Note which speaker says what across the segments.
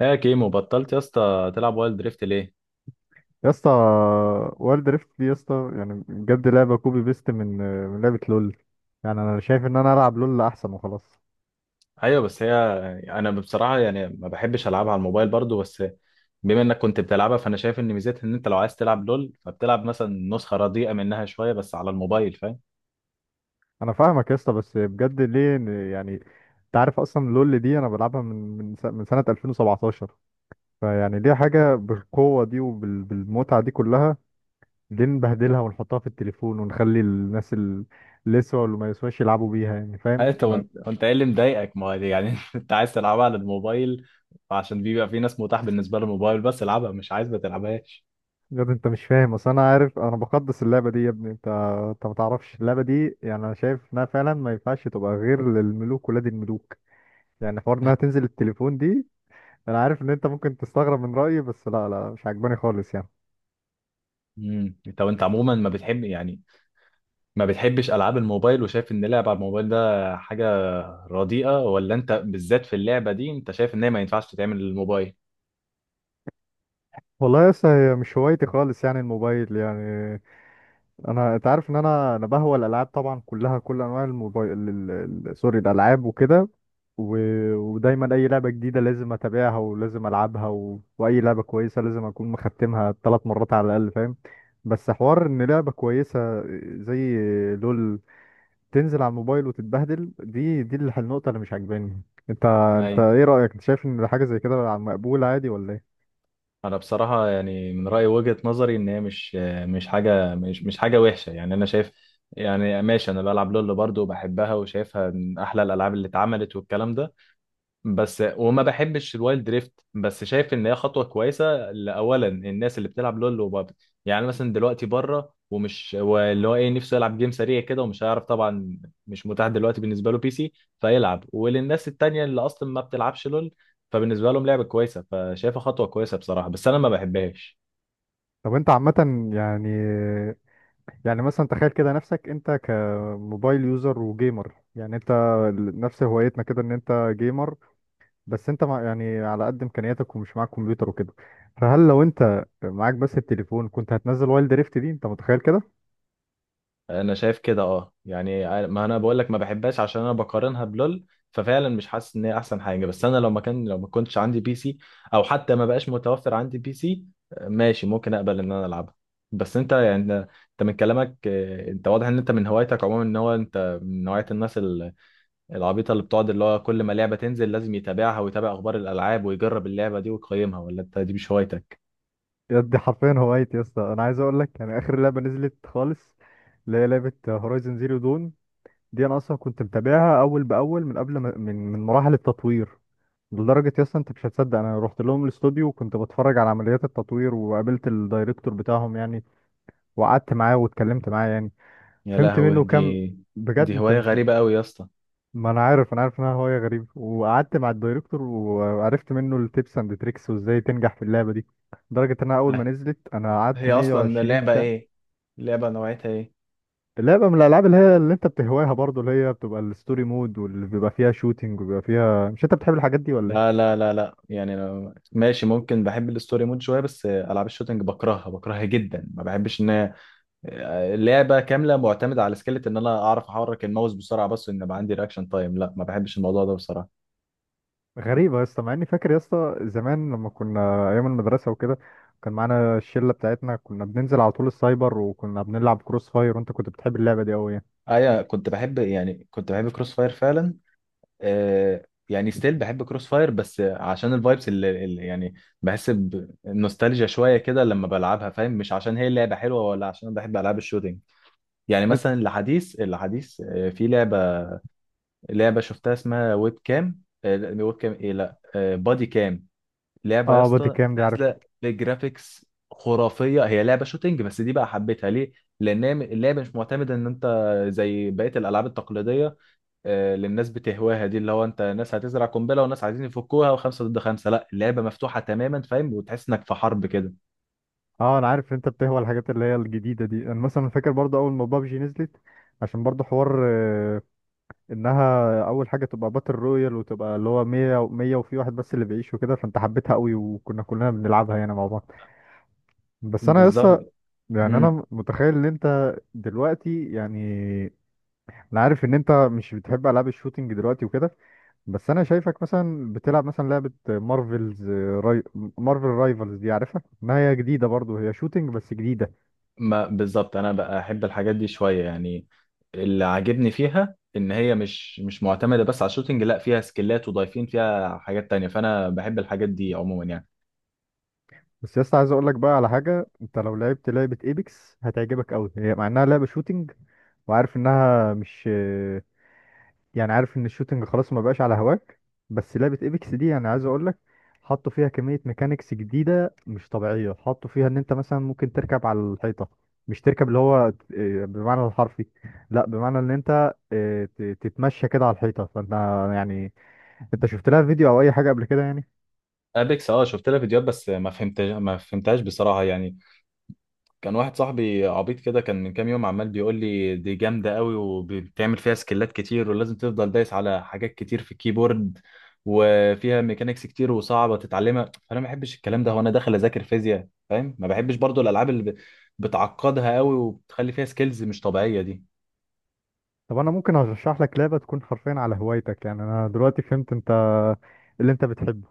Speaker 1: هي كيمو بطلت يا اسطى تلعب وايلد دريفت ليه؟
Speaker 2: يا اسطى. وورلد ريفت دي يا اسطى يعني بجد لعبه كوبي بيست من لعبه لول. يعني انا شايف ان انا العب لول احسن وخلاص.
Speaker 1: ايوه بس هي، انا بصراحه يعني ما بحبش العبها على الموبايل برضو. بس بما انك كنت بتلعبها، فانا شايف ان ميزتها ان انت لو عايز تلعب لول فبتلعب مثلا نسخه رديئه منها شويه بس على الموبايل، فاهم؟
Speaker 2: انا فاهمك يا اسطى، بس بجد ليه يعني، انت عارف اصلا لول دي انا بلعبها من سنه 2017. فيعني ليه حاجه بالقوه دي وبالمتعه دي كلها؟ ليه نبهدلها ونحطها في التليفون ونخلي الناس اللي يسوا واللي ما يسواش يلعبوا بيها؟ يعني
Speaker 1: ها،
Speaker 2: فاهم.
Speaker 1: انت وانت وانت ايه اللي مضايقك؟ ما هو يعني انت عايز تلعبها على الموبايل عشان بيبقى في ناس متاح بالنسبه للموبايل بس، العبها، مش عايز ما تلعبهاش.
Speaker 2: يا ابني انت مش فاهم. اصل انا عارف، انا بقدس اللعبه دي يا ابني. انت انت ما تعرفش اللعبه دي. يعني انا شايف انها فعلا ما ينفعش تبقى غير للملوك ولاد الملوك. يعني حوار انها تنزل التليفون دي. انا عارف ان انت ممكن تستغرب من رايي، بس لا، لا، مش عجباني خالص يعني.
Speaker 1: انت عموما ما بتحب، يعني ما بتحبش العاب الموبايل، وشايف ان لعب على الموبايل ده حاجه رديئة، ولا انت بالذات في اللعبة دي انت شايف ان هي ما ينفعش تتعمل للموبايل؟
Speaker 2: والله يا اسطى هي مش هوايتي خالص يعني الموبايل. يعني انت عارف ان انا بهوى الالعاب طبعا، كلها، كل انواع الموبايل سوري، الالعاب وكده. و... ودايما اي لعبه جديده لازم اتابعها ولازم العبها، واي لعبه كويسه لازم اكون مختمها 3 مرات على الاقل، فاهم؟ بس حوار ان لعبه كويسه زي لول تنزل على الموبايل وتتبهدل، دي النقطه اللي مش عاجباني. انت انت
Speaker 1: اي
Speaker 2: ايه رايك؟ انت شايف ان حاجه زي كده مقبوله عادي ولا ايه؟
Speaker 1: انا بصراحة يعني من رأيي وجهة نظري ان هي مش حاجة وحشة، يعني انا شايف، يعني ماشي انا بلعب لول برضه وبحبها وشايفها من احلى الالعاب اللي اتعملت والكلام ده، بس وما بحبش الوايلد دريفت. بس شايف ان هي خطوه كويسه لاولا الناس اللي بتلعب لول وبابجي، يعني مثلا دلوقتي بره ومش واللي هو ايه نفسه يلعب جيم سريع كده ومش هيعرف طبعا، مش متاح دلوقتي بالنسبه له بي سي، فيلعب. وللناس التانيه اللي اصلا ما بتلعبش لول، فبالنسبه لهم لعبه كويسه، فشايفها خطوه كويسه بصراحه، بس انا ما بحبهاش.
Speaker 2: طب انت عامه يعني، يعني مثلا تخيل كده نفسك انت كموبايل يوزر وجيمر. يعني انت نفس هوايتنا كده ان انت جيمر، بس انت مع يعني على قد امكانياتك ومش معاك كمبيوتر وكده. فهل لو انت معاك بس التليفون كنت هتنزل وايلد ريفت دي؟ انت متخيل كده؟
Speaker 1: انا شايف كده اه، يعني ما انا بقول لك ما بحبهاش عشان انا بقارنها بلول، ففعلا مش حاسس ان هي احسن حاجه. بس انا لو ما كنتش عندي بي سي، او حتى ما بقاش متوفر عندي بي سي، ماشي ممكن اقبل ان انا العبها. بس انت يعني انت من كلامك انت واضح ان انت من هوايتك عموما ان هو انت من نوعيه الناس العبيطه اللي بتقعد، اللي هو كل ما لعبه تنزل لازم يتابعها ويتابع اخبار الالعاب ويجرب اللعبه دي ويقيمها، ولا انت دي مش هوايتك؟
Speaker 2: يا دي حرفيا هوايتي يا اسطى. انا عايز اقول لك يعني اخر لعبه نزلت خالص، اللي هي لعبه هورايزن زيرو دون، دي انا اصلا كنت متابعها اول باول من قبل ما من مراحل التطوير. لدرجة يا اسطى انت مش هتصدق، انا رحت لهم الاستوديو وكنت بتفرج على عمليات التطوير وقابلت الدايركتور بتاعهم يعني. وقعدت معاه واتكلمت معاه يعني.
Speaker 1: يا
Speaker 2: فهمت
Speaker 1: لهوي،
Speaker 2: منه كام.
Speaker 1: دي
Speaker 2: بجد
Speaker 1: دي
Speaker 2: انت
Speaker 1: هوايه
Speaker 2: مش.
Speaker 1: غريبه قوي يا اسطى.
Speaker 2: ما انا عارف انها هواية غريبة. وقعدت مع الدايركتور وعرفت منه التيبس اند تريكس وازاي تنجح في اللعبة دي. لدرجة انها اول ما نزلت انا قعدت
Speaker 1: هي اصلا
Speaker 2: 120
Speaker 1: اللعبه
Speaker 2: ساعة.
Speaker 1: ايه؟ اللعبه نوعيتها ايه؟
Speaker 2: لعبة من الالعاب اللي هي اللي انت بتهواها برضو، اللي هي بتبقى الستوري مود واللي بيبقى فيها شوتينج وبيبقى فيها، مش انت بتحب الحاجات دي ولا ايه؟
Speaker 1: لا لا لا لا، يعني ماشي ممكن بحب الستوري مود شويه، بس العاب الشوتنج بكرهها بكرهها جدا، ما بحبش ان اللعبه كامله معتمده على سكيلت ان انا اعرف احرك الماوس بسرعه، بس ان يبقى عندي رياكشن تايم، لا ما بحبش الموضوع ده بصراحه.
Speaker 2: غريبة يا اسطى، مع اني فاكر يا اسطى زمان لما كنا ايام المدرسة وكده كان معانا الشلة بتاعتنا، كنا بننزل على طول السايبر وكنا بنلعب كروس فاير، وانت كنت بتحب اللعبة دي قوي يعني.
Speaker 1: ايوه كنت بحب، يعني كنت بحب كروس فاير فعلا. آه يعني ستيل بحب كروس فاير، بس عشان الفايبس اللي يعني بحس بنوستالجيا شويه كده لما بلعبها، فاهم؟ مش عشان هي اللعبه حلوه، ولا عشان أنا بحب العاب الشوتنج. يعني
Speaker 2: إنت-
Speaker 1: مثلا الحديث الحديث آه، في لعبة، لعبة شفتها اسمها ويب كام، آه، لا، ويب كام ايه لا آه، بادي كام. لعبة يا
Speaker 2: اه، بادي
Speaker 1: اسطى
Speaker 2: كام دي عارف.
Speaker 1: نازلة بجرافيكس خرافية، هي لعبة شوتينج، بس دي بقى حبيتها ليه؟ لأن هي اللعبة مش معتمدة إن أنت زي بقية الألعاب التقليدية اللي الناس بتهواها دي، اللي هو أنت ناس هتزرع قنبلة وناس عايزين يفكوها وخمسة ضد خمسة. لا، اللعبة مفتوحة تماما، فاهم؟ وتحس إنك في حرب كده.
Speaker 2: اه انا عارف إن انت بتهوى الحاجات اللي هي الجديدة دي. انا مثلا فاكر برضه اول ما بابجي نزلت، عشان برضه حوار انها اول حاجة تبقى باتل رويال وتبقى اللي هو 100 و100، وفي واحد بس اللي بيعيش وكده، فانت حبيتها قوي وكنا كلنا بنلعبها يعني مع بعض. بس انا لسه.
Speaker 1: بالظبط.
Speaker 2: يعني
Speaker 1: مم.
Speaker 2: انا متخيل ان انت دلوقتي يعني انا عارف ان انت مش بتحب العاب الشوتينج دلوقتي وكده. بس انا شايفك مثلا بتلعب مثلا لعبة مارفلز، راي... مارفل رايفلز دي عارفها. ما هي جديدة برضو، هي شوتينج بس جديدة.
Speaker 1: ما بالظبط انا بقى احب الحاجات دي شويه، يعني اللي عاجبني فيها ان هي مش معتمده بس على الشوتينج، لا فيها سكيلات، وضايفين فيها حاجات تانية، فانا بحب الحاجات دي عموما يعني.
Speaker 2: بس يا اسطى عايز اقول لك بقى على حاجة: انت لو لعبت لعبة ايبكس هتعجبك قوي. هي مع انها لعبة شوتينج وعارف انها مش، يعني عارف ان الشوتنج خلاص ما بقاش على هواك، بس لعبة ايبكس دي يعني عايز اقول لك، حطوا فيها كمية ميكانيكس جديدة مش طبيعية. حطوا فيها ان انت مثلا ممكن تركب على الحيطة. مش تركب اللي هو إيه، بمعنى الحرفي، لا، بمعنى ان انت تتمشى كده على الحيطة. فانت يعني انت شفت لها فيديو او اي حاجة قبل كده يعني؟
Speaker 1: ابيكس، اه شفت لها فيديوهات، بس ما فهمتهاش بصراحه يعني. كان واحد صاحبي عبيط كده كان من كام يوم عمال بيقول لي دي جامدة قوي، وبتعمل فيها سكيلات كتير، ولازم تفضل دايس على حاجات كتير في الكيبورد، وفيها ميكانيكس كتير وصعبة تتعلمها. فأنا ما بحبش الكلام ده، هو أنا داخل أذاكر فيزياء؟ فاهم؟ ما بحبش برضو الألعاب اللي بتعقدها قوي وبتخلي فيها سكيلز مش طبيعية دي.
Speaker 2: طب انا ممكن ارشح لك لعبة تكون حرفيا على هوايتك. يعني انا دلوقتي فهمت انت اللي انت بتحبه.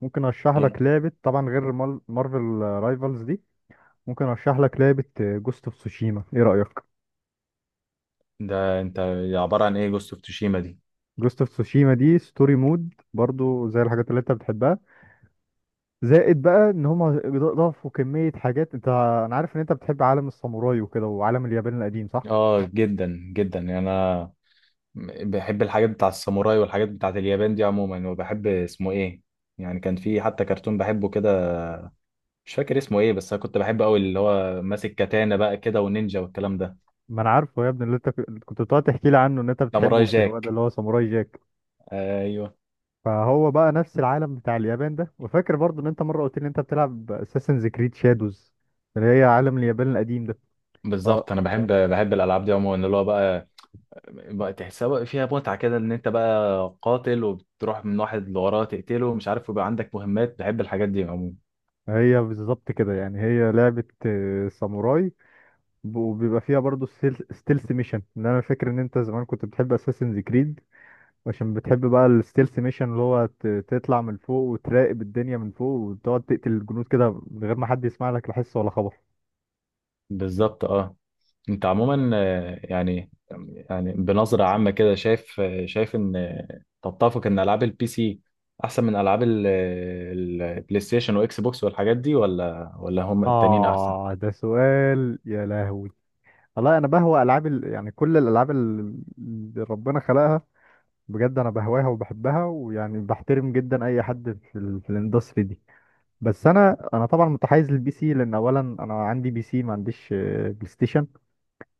Speaker 2: ممكن ارشح
Speaker 1: إيه؟
Speaker 2: لك لعبة طبعا غير مارفل رايفلز دي. ممكن ارشح لك لعبة جوست اوف تسوشيما، ايه رأيك؟
Speaker 1: ده أنت عبارة عن إيه جوست أوف توشيما دي؟
Speaker 2: جوست اوف تسوشيما دي ستوري مود برضو زي الحاجات اللي انت بتحبها، زائد بقى ان هم ضافوا كمية حاجات. انت انا عارف ان انت بتحب عالم الساموراي وكده وعالم اليابان القديم، صح؟
Speaker 1: آه جدا جدا، يعني أنا بحب الحاجات بتاع الساموراي والحاجات بتاعت اليابان دي عموما، وبحب اسمه ايه، يعني كان في حتى كرتون بحبه كده، مش فاكر اسمه ايه، بس انا كنت بحبه قوي، اللي هو ماسك كاتانا بقى كده ونينجا والكلام ده.
Speaker 2: ما انا عارفه يا ابني، اللي انت كنت بتقعد تحكي لي عنه ان انت بتحبه
Speaker 1: ساموراي
Speaker 2: وبتهواه ده،
Speaker 1: جاك،
Speaker 2: اللي هو ساموراي جاك.
Speaker 1: ايوه
Speaker 2: فهو بقى نفس العالم بتاع اليابان ده. وفاكر برضو ان انت مرة قلت لي ان انت بتلعب اساسنز كريد شادوز اللي هي عالم اليابان القديم ده. ف-
Speaker 1: بالظبط. انا بحب الالعاب دي عموما، اللي هو بقى، بقى تحسها بقى فيها متعه كده، ان انت بقى قاتل وبتروح من واحد لوراه تقتله مش عارف، ويبقى عندك مهمات، بحب الحاجات دي عموما.
Speaker 2: هي بالظبط كده. يعني هي لعبة ساموراي، وبيبقى فيها برضو ستيلث ميشن، اللي انا فاكر ان انت زمان كنت بتحب اساسنز كريد عشان بتحب بقى الستيلث ميشن، اللي هو تطلع من فوق وتراقب الدنيا من فوق وتقعد تقتل الجنود كده من غير ما حد يسمع لك لا حس ولا خبر.
Speaker 1: بالظبط اه. انت عموما يعني بنظرة عامة كده شايف، شايف ان تتفق ان العاب البي سي احسن من العاب البلاي ستيشن واكس بوكس والحاجات دي، ولا هم التانيين احسن؟
Speaker 2: اه، ده سؤال يا لهوي. والله انا بهوى العاب يعني كل الالعاب اللي ربنا خلقها. بجد انا بهواها وبحبها، ويعني بحترم جدا اي حد في في الاندستري دي. بس انا طبعا متحيز للبي سي، لان اولا انا عندي بي سي ما عنديش بلاي ستيشن.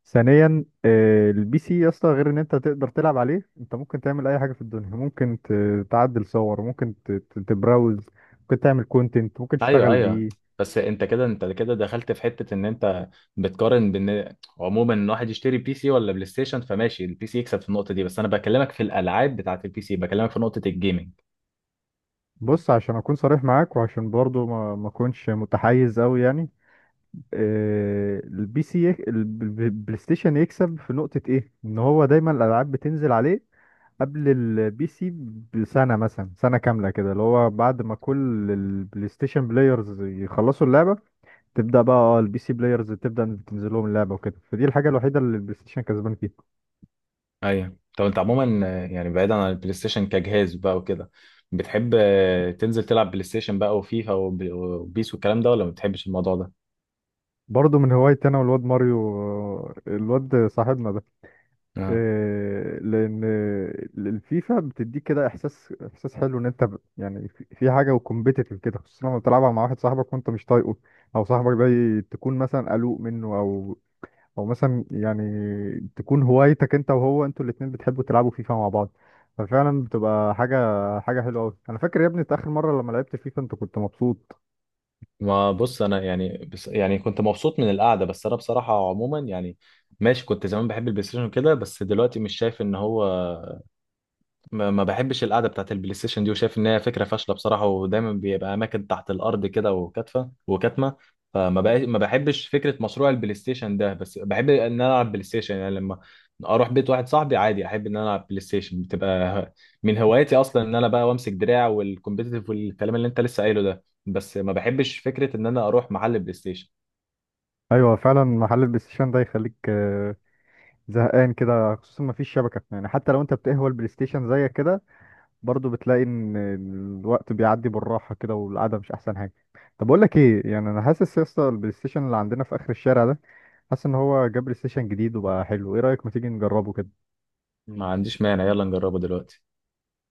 Speaker 2: ثانيا البي سي يا اسطى، غير ان انت تقدر تلعب عليه، انت ممكن تعمل اي حاجه في الدنيا. ممكن تعدل صور، ممكن تبراوز، ممكن تعمل كونتنت، ممكن
Speaker 1: ايوه
Speaker 2: تشتغل
Speaker 1: ايوه.
Speaker 2: بيه.
Speaker 1: بس انت كده، انت كده دخلت في حتة ان انت بتقارن بان عموما ان واحد يشتري بي سي ولا بلاي ستيشن، فماشي البي سي يكسب في النقطة دي، بس انا بكلمك في الالعاب بتاعت البي سي، بكلمك في نقطة الجيمنج.
Speaker 2: بص، عشان اكون صريح معاك وعشان برضو ما اكونش متحيز قوي يعني، آه، البي سي يك- الب- الب- البلاي ستيشن يكسب في نقطه ايه، ان هو دايما الالعاب بتنزل عليه قبل البي سي بسنه، مثلا سنه كامله كده، اللي هو بعد ما كل البلاي ستيشن بلايرز يخلصوا اللعبه، تبدا بقى اه البي سي بلايرز تبدا تنزل لهم اللعبه وكده. فدي الحاجه الوحيده اللي البلاي ستيشن كسبان فيها.
Speaker 1: ايوه طب انت عموما يعني بعيدا عن البلاي ستيشن كجهاز بقى وكده، بتحب تنزل تلعب بلاي ستيشن بقى وفيفا وبيس والكلام ده، ولا ما بتحبش الموضوع ده؟
Speaker 2: برضه من هوايتي انا والواد ماريو، الواد صاحبنا ده.
Speaker 1: اه
Speaker 2: لان الفيفا بتديك كده احساس حلو، ان انت يعني في حاجه وكومبيتيتيف كده، خصوصا لما تلعبها مع واحد صاحبك وانت مش طايقه، او صاحبك ده تكون مثلا قلوق منه، او مثلا يعني تكون هوايتك انت وهو، انتوا الاتنين بتحبوا تلعبوا فيفا مع بعض. ففعلا بتبقى حاجه حلوه قوي. انا فاكر يا ابني إنت اخر مره لما لعبت فيفا انت كنت مبسوط.
Speaker 1: ما بص، انا يعني بس يعني كنت مبسوط من القعده، بس انا بصراحه عموما يعني، ماشي كنت زمان بحب البلاي ستيشن كده، بس دلوقتي مش شايف ان هو، ما بحبش القعده بتاعت البلاي ستيشن دي، وشايف ان هي فكره فاشله بصراحه، ودايما بيبقى اماكن تحت الارض كده وكاتفه وكاتمه. فما بقى ما بحبش فكره مشروع البلاي ستيشن ده، بس بحب ان انا العب بلاي ستيشن، يعني لما اروح بيت واحد صاحبي عادي احب ان انا العب بلاي ستيشن، بتبقى من هواياتي اصلا ان انا بقى وامسك دراع، والكومبيتيتيف والكلام اللي انت لسه قايله ده، بس ما بحبش فكره ان انا اروح محل بلاي ستيشن.
Speaker 2: ايوه فعلا، محل البلاي ستيشن ده يخليك زهقان كده، خصوصا ما فيش شبكه. يعني حتى لو انت بتقهوى البلاي ستيشن زيك كده، برضو بتلاقي ان الوقت بيعدي بالراحه كده والقعده مش احسن حاجه. طب اقول لك ايه يعني، انا حاسس يا اسطى البلاي ستيشن اللي عندنا في اخر الشارع ده، حاسس ان هو جاب بلاي ستيشن جديد وبقى حلو. ايه رايك، ما تيجي نجربه كده؟
Speaker 1: ما عنديش مانع، يلا نجربه دلوقتي.